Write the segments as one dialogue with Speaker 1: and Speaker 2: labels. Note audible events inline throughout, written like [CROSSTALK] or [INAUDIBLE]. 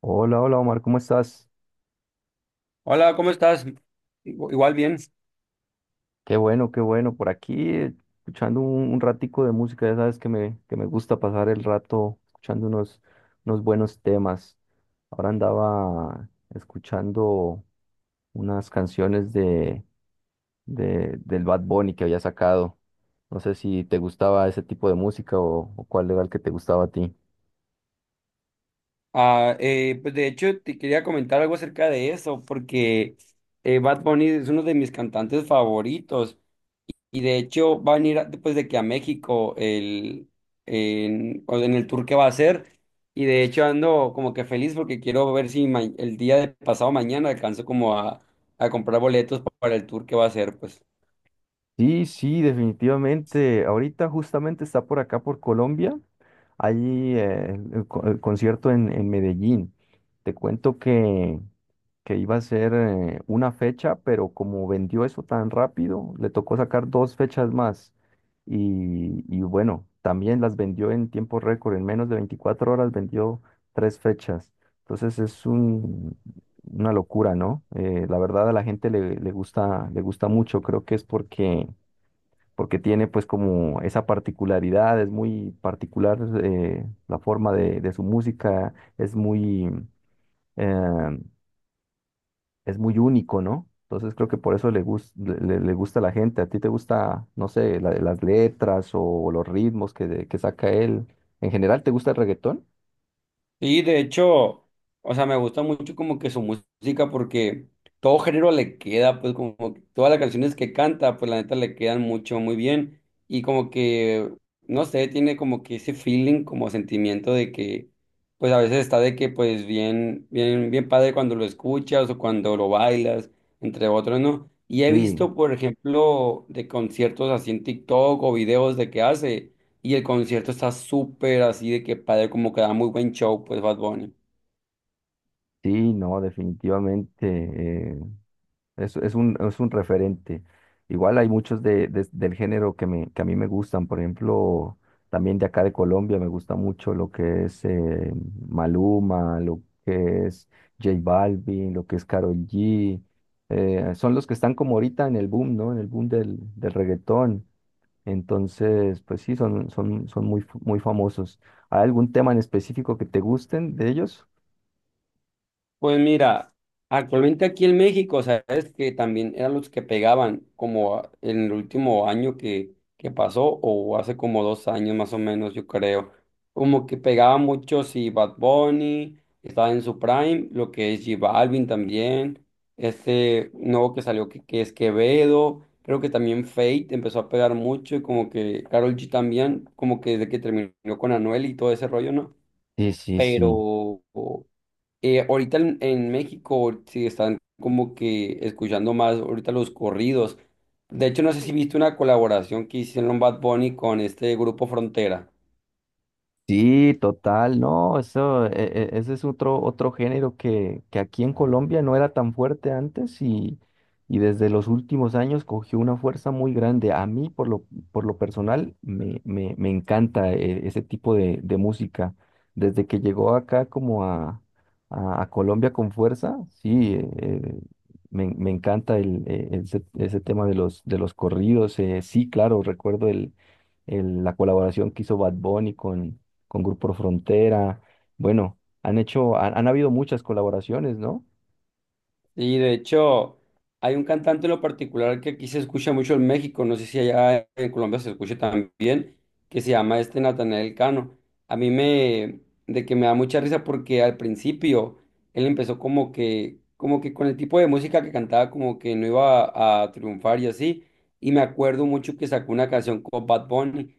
Speaker 1: Hola, hola Omar, ¿cómo estás?
Speaker 2: Hola, ¿cómo estás? Igual bien.
Speaker 1: Qué bueno, qué bueno. Por aquí escuchando un ratico de música, ya sabes que me gusta pasar el rato escuchando unos buenos temas. Ahora andaba escuchando unas canciones del Bad Bunny que había sacado. No sé si te gustaba ese tipo de música o cuál era el que te gustaba a ti.
Speaker 2: Pues de hecho te quería comentar algo acerca de eso, porque Bad Bunny es uno de mis cantantes favoritos y de hecho va a venir después de que a México el, en, o en el tour que va a hacer. Y de hecho ando como que feliz porque quiero ver si el día de pasado mañana alcanzo a comprar boletos para el tour que va a hacer, pues.
Speaker 1: Sí, sí, definitivamente. Ahorita justamente está por acá, por Colombia. Allí el concierto en Medellín. Te cuento que iba a ser una fecha, pero como vendió eso tan rápido, le tocó sacar dos fechas más. Y bueno, también las vendió en tiempo récord. En menos de 24 horas vendió tres fechas. Entonces es una locura, ¿no? La verdad a la gente le gusta mucho. Creo que es porque tiene pues como esa particularidad, es muy particular la forma de su música, eh, es muy único, ¿no? Entonces creo que por eso le gusta a la gente. ¿A ti te gusta, no sé, las letras o los ritmos que saca él? ¿En general te gusta el reggaetón?
Speaker 2: Sí, de hecho, o sea, me gusta mucho como que su música porque todo género le queda, pues como que todas las canciones que canta, pues la neta le quedan mucho, muy bien. Y como que, no sé, tiene como que ese feeling, como sentimiento de que, pues a veces está de que, pues bien, bien, bien padre cuando lo escuchas o cuando lo bailas, entre otros, ¿no? Y he
Speaker 1: Sí,
Speaker 2: visto, por ejemplo, de conciertos así en TikTok o videos de que hace. Y el concierto está súper así de que padre, como que da muy buen show, pues Bad Bunny.
Speaker 1: sí, no, definitivamente. eh, es un referente. Igual hay muchos del género que a mí me gustan. Por ejemplo, también de acá de Colombia me gusta mucho lo que es Maluma, lo que es J Balvin, lo que es Karol G. Son los que están como ahorita en el boom, ¿no? En el boom del reggaetón. Entonces, pues sí, son muy, muy famosos. ¿Hay algún tema en específico que te gusten de ellos?
Speaker 2: Pues mira, actualmente aquí en México, sabes que también eran los que pegaban como en el último año que pasó o hace como dos años más o menos, yo creo. Como que pegaba mucho si Bad Bunny estaba en su prime, lo que es J Balvin también, este nuevo que salió que es Quevedo, creo que también Fate empezó a pegar mucho y como que Karol G también, como que desde que terminó con Anuel y todo ese rollo, ¿no?
Speaker 1: Sí, sí, sí.
Speaker 2: Pero en México sí están como que escuchando más ahorita los corridos. De hecho, no sé si viste una colaboración que hicieron Bad Bunny con este grupo Frontera.
Speaker 1: Sí, total, no, ese es otro, otro género que aquí en Colombia no era tan fuerte antes y desde los últimos años cogió una fuerza muy grande. A mí, por lo, Por lo personal, me encanta ese tipo de música. Desde que llegó acá como a Colombia con fuerza, sí, me encanta ese tema de de los corridos. Sí, claro, recuerdo la colaboración que hizo Bad Bunny con Grupo Frontera. Bueno, han habido muchas colaboraciones, ¿no?
Speaker 2: Y de hecho, hay un cantante en lo particular que aquí se escucha mucho en México, no sé si allá en Colombia se escucha también, que se llama este Natanael Cano. A mí me, de que me da mucha risa porque al principio él empezó como que con el tipo de música que cantaba como que no iba a triunfar y así. Y me acuerdo mucho que sacó una canción con Bad Bunny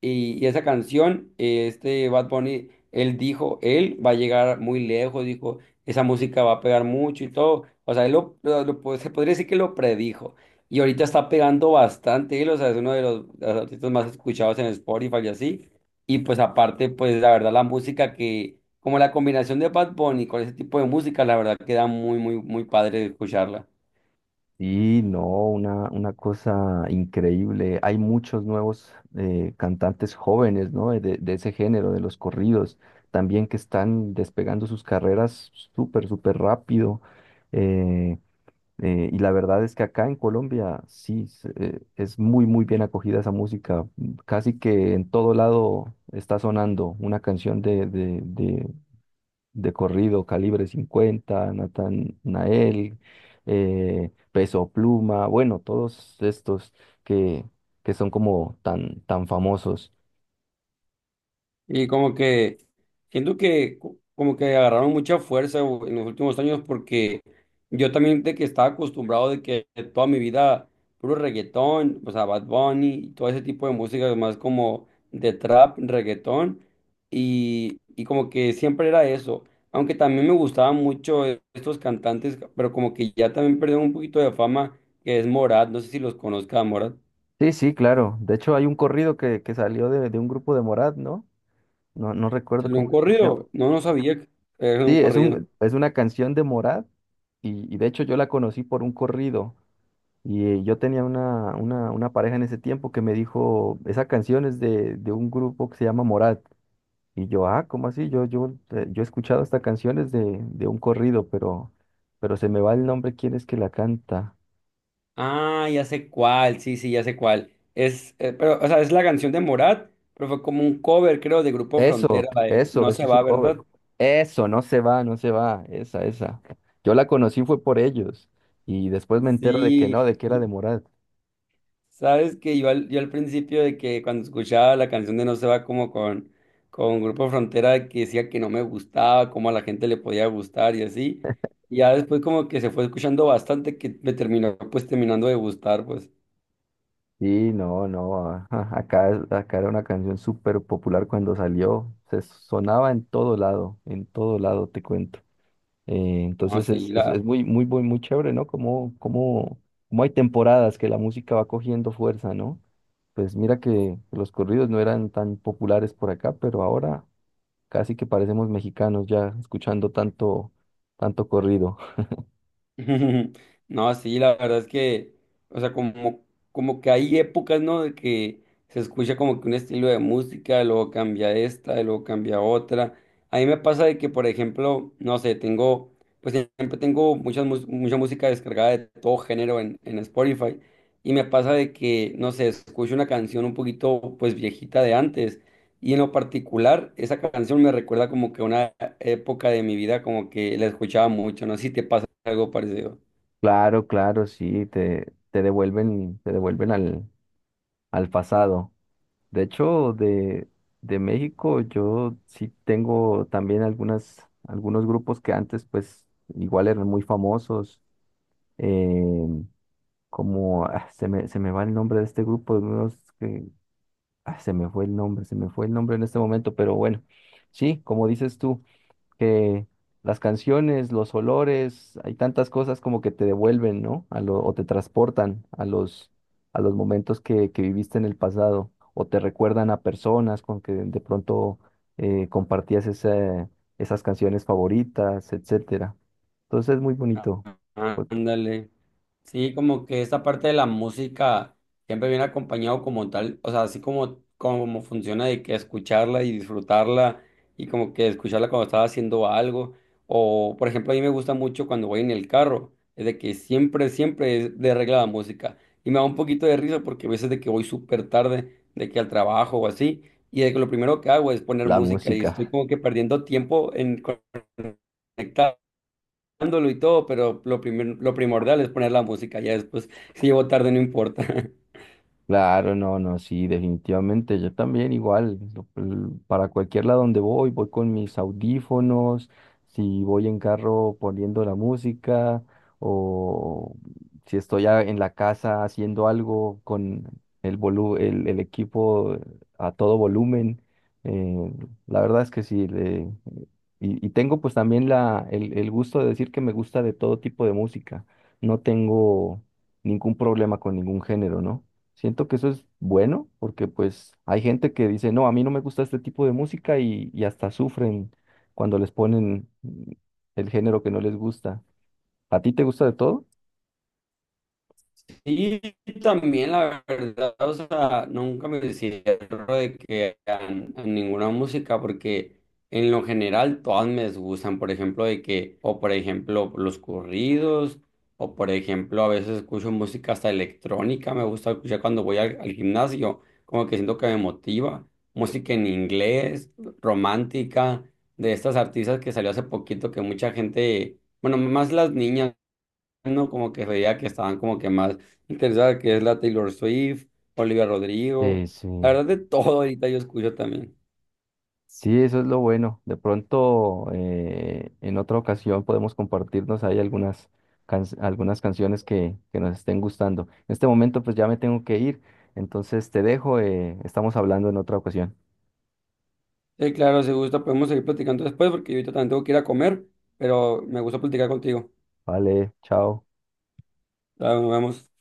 Speaker 2: y esa canción, este Bad Bunny, él dijo, él va a llegar muy lejos, dijo esa música va a pegar mucho y todo. O sea, él se podría decir que lo predijo. Y ahorita está pegando bastante él, o sea, es uno de de los artistas más escuchados en Spotify y así. Y pues aparte, pues la verdad, la música que, como la combinación de Bad Bunny con ese tipo de música, la verdad queda muy, muy, muy padre escucharla.
Speaker 1: Y no, una cosa increíble. Hay muchos nuevos cantantes jóvenes, ¿no? De ese género, de los corridos, también que están despegando sus carreras súper, súper rápido. Eh, y la verdad es que acá en Colombia es muy, muy bien acogida esa música. Casi que en todo lado está sonando una canción de corrido, Calibre 50 Nathan Nael, Peso Pluma, bueno, todos estos que, que son como tan, tan famosos.
Speaker 2: Y como que siento que como que agarraron mucha fuerza en los últimos años porque yo también de que estaba acostumbrado de que toda mi vida puro reggaetón, o sea, Bad Bunny y todo ese tipo de música más como de trap, reggaetón y como que siempre era eso. Aunque también me gustaban mucho estos cantantes, pero como que ya también perdieron un poquito de fama, que es Morat, no sé si los conozca a Morat.
Speaker 1: Sí, sí, claro. De hecho, hay un corrido que salió de un grupo de Morat, ¿no? No, no
Speaker 2: ¿Se
Speaker 1: recuerdo
Speaker 2: un
Speaker 1: cómo se llama.
Speaker 2: corrido? No, no sabía que era
Speaker 1: Sí,
Speaker 2: un corrido.
Speaker 1: es una canción de Morat y de hecho yo la conocí por un corrido. Y yo tenía una pareja en ese tiempo que me dijo, esa canción es de un grupo que se llama Morat. Y yo, ah, ¿cómo así? Yo he escuchado esta canción es de un corrido, pero se me va el nombre, ¿quién es que la canta?
Speaker 2: Ah, ya sé cuál, sí, sí, ya sé cuál. Es, pero, o sea, es la canción de Morat, pero fue como un cover, creo, de Grupo
Speaker 1: Eso,
Speaker 2: Frontera, la de
Speaker 1: eso,
Speaker 2: No
Speaker 1: eso
Speaker 2: se
Speaker 1: es
Speaker 2: va,
Speaker 1: un
Speaker 2: ¿verdad?
Speaker 1: cover. Eso, no se va, no se va, esa, esa. Yo la conocí fue por ellos y después me entero de que no,
Speaker 2: Sí.
Speaker 1: de que era de
Speaker 2: [LAUGHS]
Speaker 1: Morat.
Speaker 2: Sabes que yo al principio de que cuando escuchaba la canción de No se va con Grupo Frontera, que decía que no me gustaba, cómo a la gente le podía gustar y así. Y ya después como que se fue escuchando bastante que me terminó pues terminando de gustar, pues.
Speaker 1: Sí, no, no, ajá, acá, acá era una canción súper popular cuando salió, se sonaba en todo lado, te cuento.
Speaker 2: No,
Speaker 1: Entonces
Speaker 2: sí, la,
Speaker 1: es muy, muy, muy, muy chévere, ¿no? Como, como, como hay temporadas que la música va cogiendo fuerza, ¿no? Pues mira que los corridos no eran tan populares por acá, pero ahora casi que parecemos mexicanos ya escuchando tanto, tanto corrido. [LAUGHS]
Speaker 2: [LAUGHS] No, sí, la verdad es que, o sea, como, como que hay épocas, ¿no? De que se escucha como que un estilo de música, luego cambia esta, y luego cambia otra. A mí me pasa de que, por ejemplo, no sé, pues siempre tengo mucha música descargada de todo género en Spotify, y me pasa de que, no sé, escucho una canción un poquito, pues viejita de antes, y en lo particular, esa canción me recuerda como que una época de mi vida, como que la escuchaba mucho, no sé si te pasa algo parecido.
Speaker 1: Claro, claro, sí, te devuelven al pasado. De hecho, de México yo sí tengo también algunos grupos que antes pues igual eran muy famosos em, como ah, se me va el nombre de este grupo de unos que ah, se me fue el nombre, se me fue el nombre en este momento, pero bueno, sí, como dices tú, que las canciones, los olores, hay tantas cosas como que te devuelven, ¿no? A lo, o te transportan a a los momentos que viviste en el pasado, o te recuerdan a personas con que de pronto compartías esas canciones favoritas, etcétera. Entonces es muy
Speaker 2: Ah,
Speaker 1: bonito pues,
Speaker 2: ándale. Sí, como que esta parte de la música siempre viene acompañado como tal, o sea, así como, como funciona de que escucharla y disfrutarla y como que escucharla cuando estaba haciendo algo. O, por ejemplo, a mí me gusta mucho cuando voy en el carro, es de que siempre, siempre es de regla la música. Y me da un poquito de risa porque a veces de que voy súper tarde, de que al trabajo o así, y de que lo primero que hago es poner
Speaker 1: la
Speaker 2: música y estoy
Speaker 1: música.
Speaker 2: como que perdiendo tiempo en conectar dándolo y todo, pero lo primordial es poner la música, ya después, si llevo tarde, no importa. [LAUGHS]
Speaker 1: Claro, no, no, sí, definitivamente. Yo también igual, para cualquier lado donde voy, voy con mis audífonos, si voy en carro poniendo la música o si estoy en la casa haciendo algo con el equipo a todo volumen. eh, la verdad es que sí, y tengo pues también el gusto de decir que me gusta de todo tipo de música. No tengo ningún problema con ningún género, ¿no? Siento que eso es bueno porque pues hay gente que dice, no, a mí no me gusta este tipo de música y hasta sufren cuando les ponen el género que no les gusta. ¿A ti te gusta de todo?
Speaker 2: Sí, también la verdad, o sea, nunca me cierro de que a ninguna música, porque en lo general todas me gustan, por ejemplo, de que, o por ejemplo, los corridos, o por ejemplo, a veces escucho música hasta electrónica, me gusta escuchar cuando voy al gimnasio, como que siento que me motiva, música en inglés, romántica, de estas artistas que salió hace poquito que mucha gente, bueno, más las niñas no, como que veía que estaban como que más interesadas, que es la Taylor Swift, Olivia
Speaker 1: Sí,
Speaker 2: Rodrigo,
Speaker 1: sí.
Speaker 2: la verdad de todo ahorita yo escucho también.
Speaker 1: Sí, eso es lo bueno. De pronto, en otra ocasión podemos compartirnos ahí algunas, algunas canciones que nos estén gustando. En este momento pues ya me tengo que ir, entonces te dejo, estamos hablando en otra ocasión.
Speaker 2: Sí, claro, si gusta podemos seguir platicando después porque yo ahorita también tengo que ir a comer, pero me gusta platicar contigo.
Speaker 1: Vale, chao.
Speaker 2: Claro, nos vemos.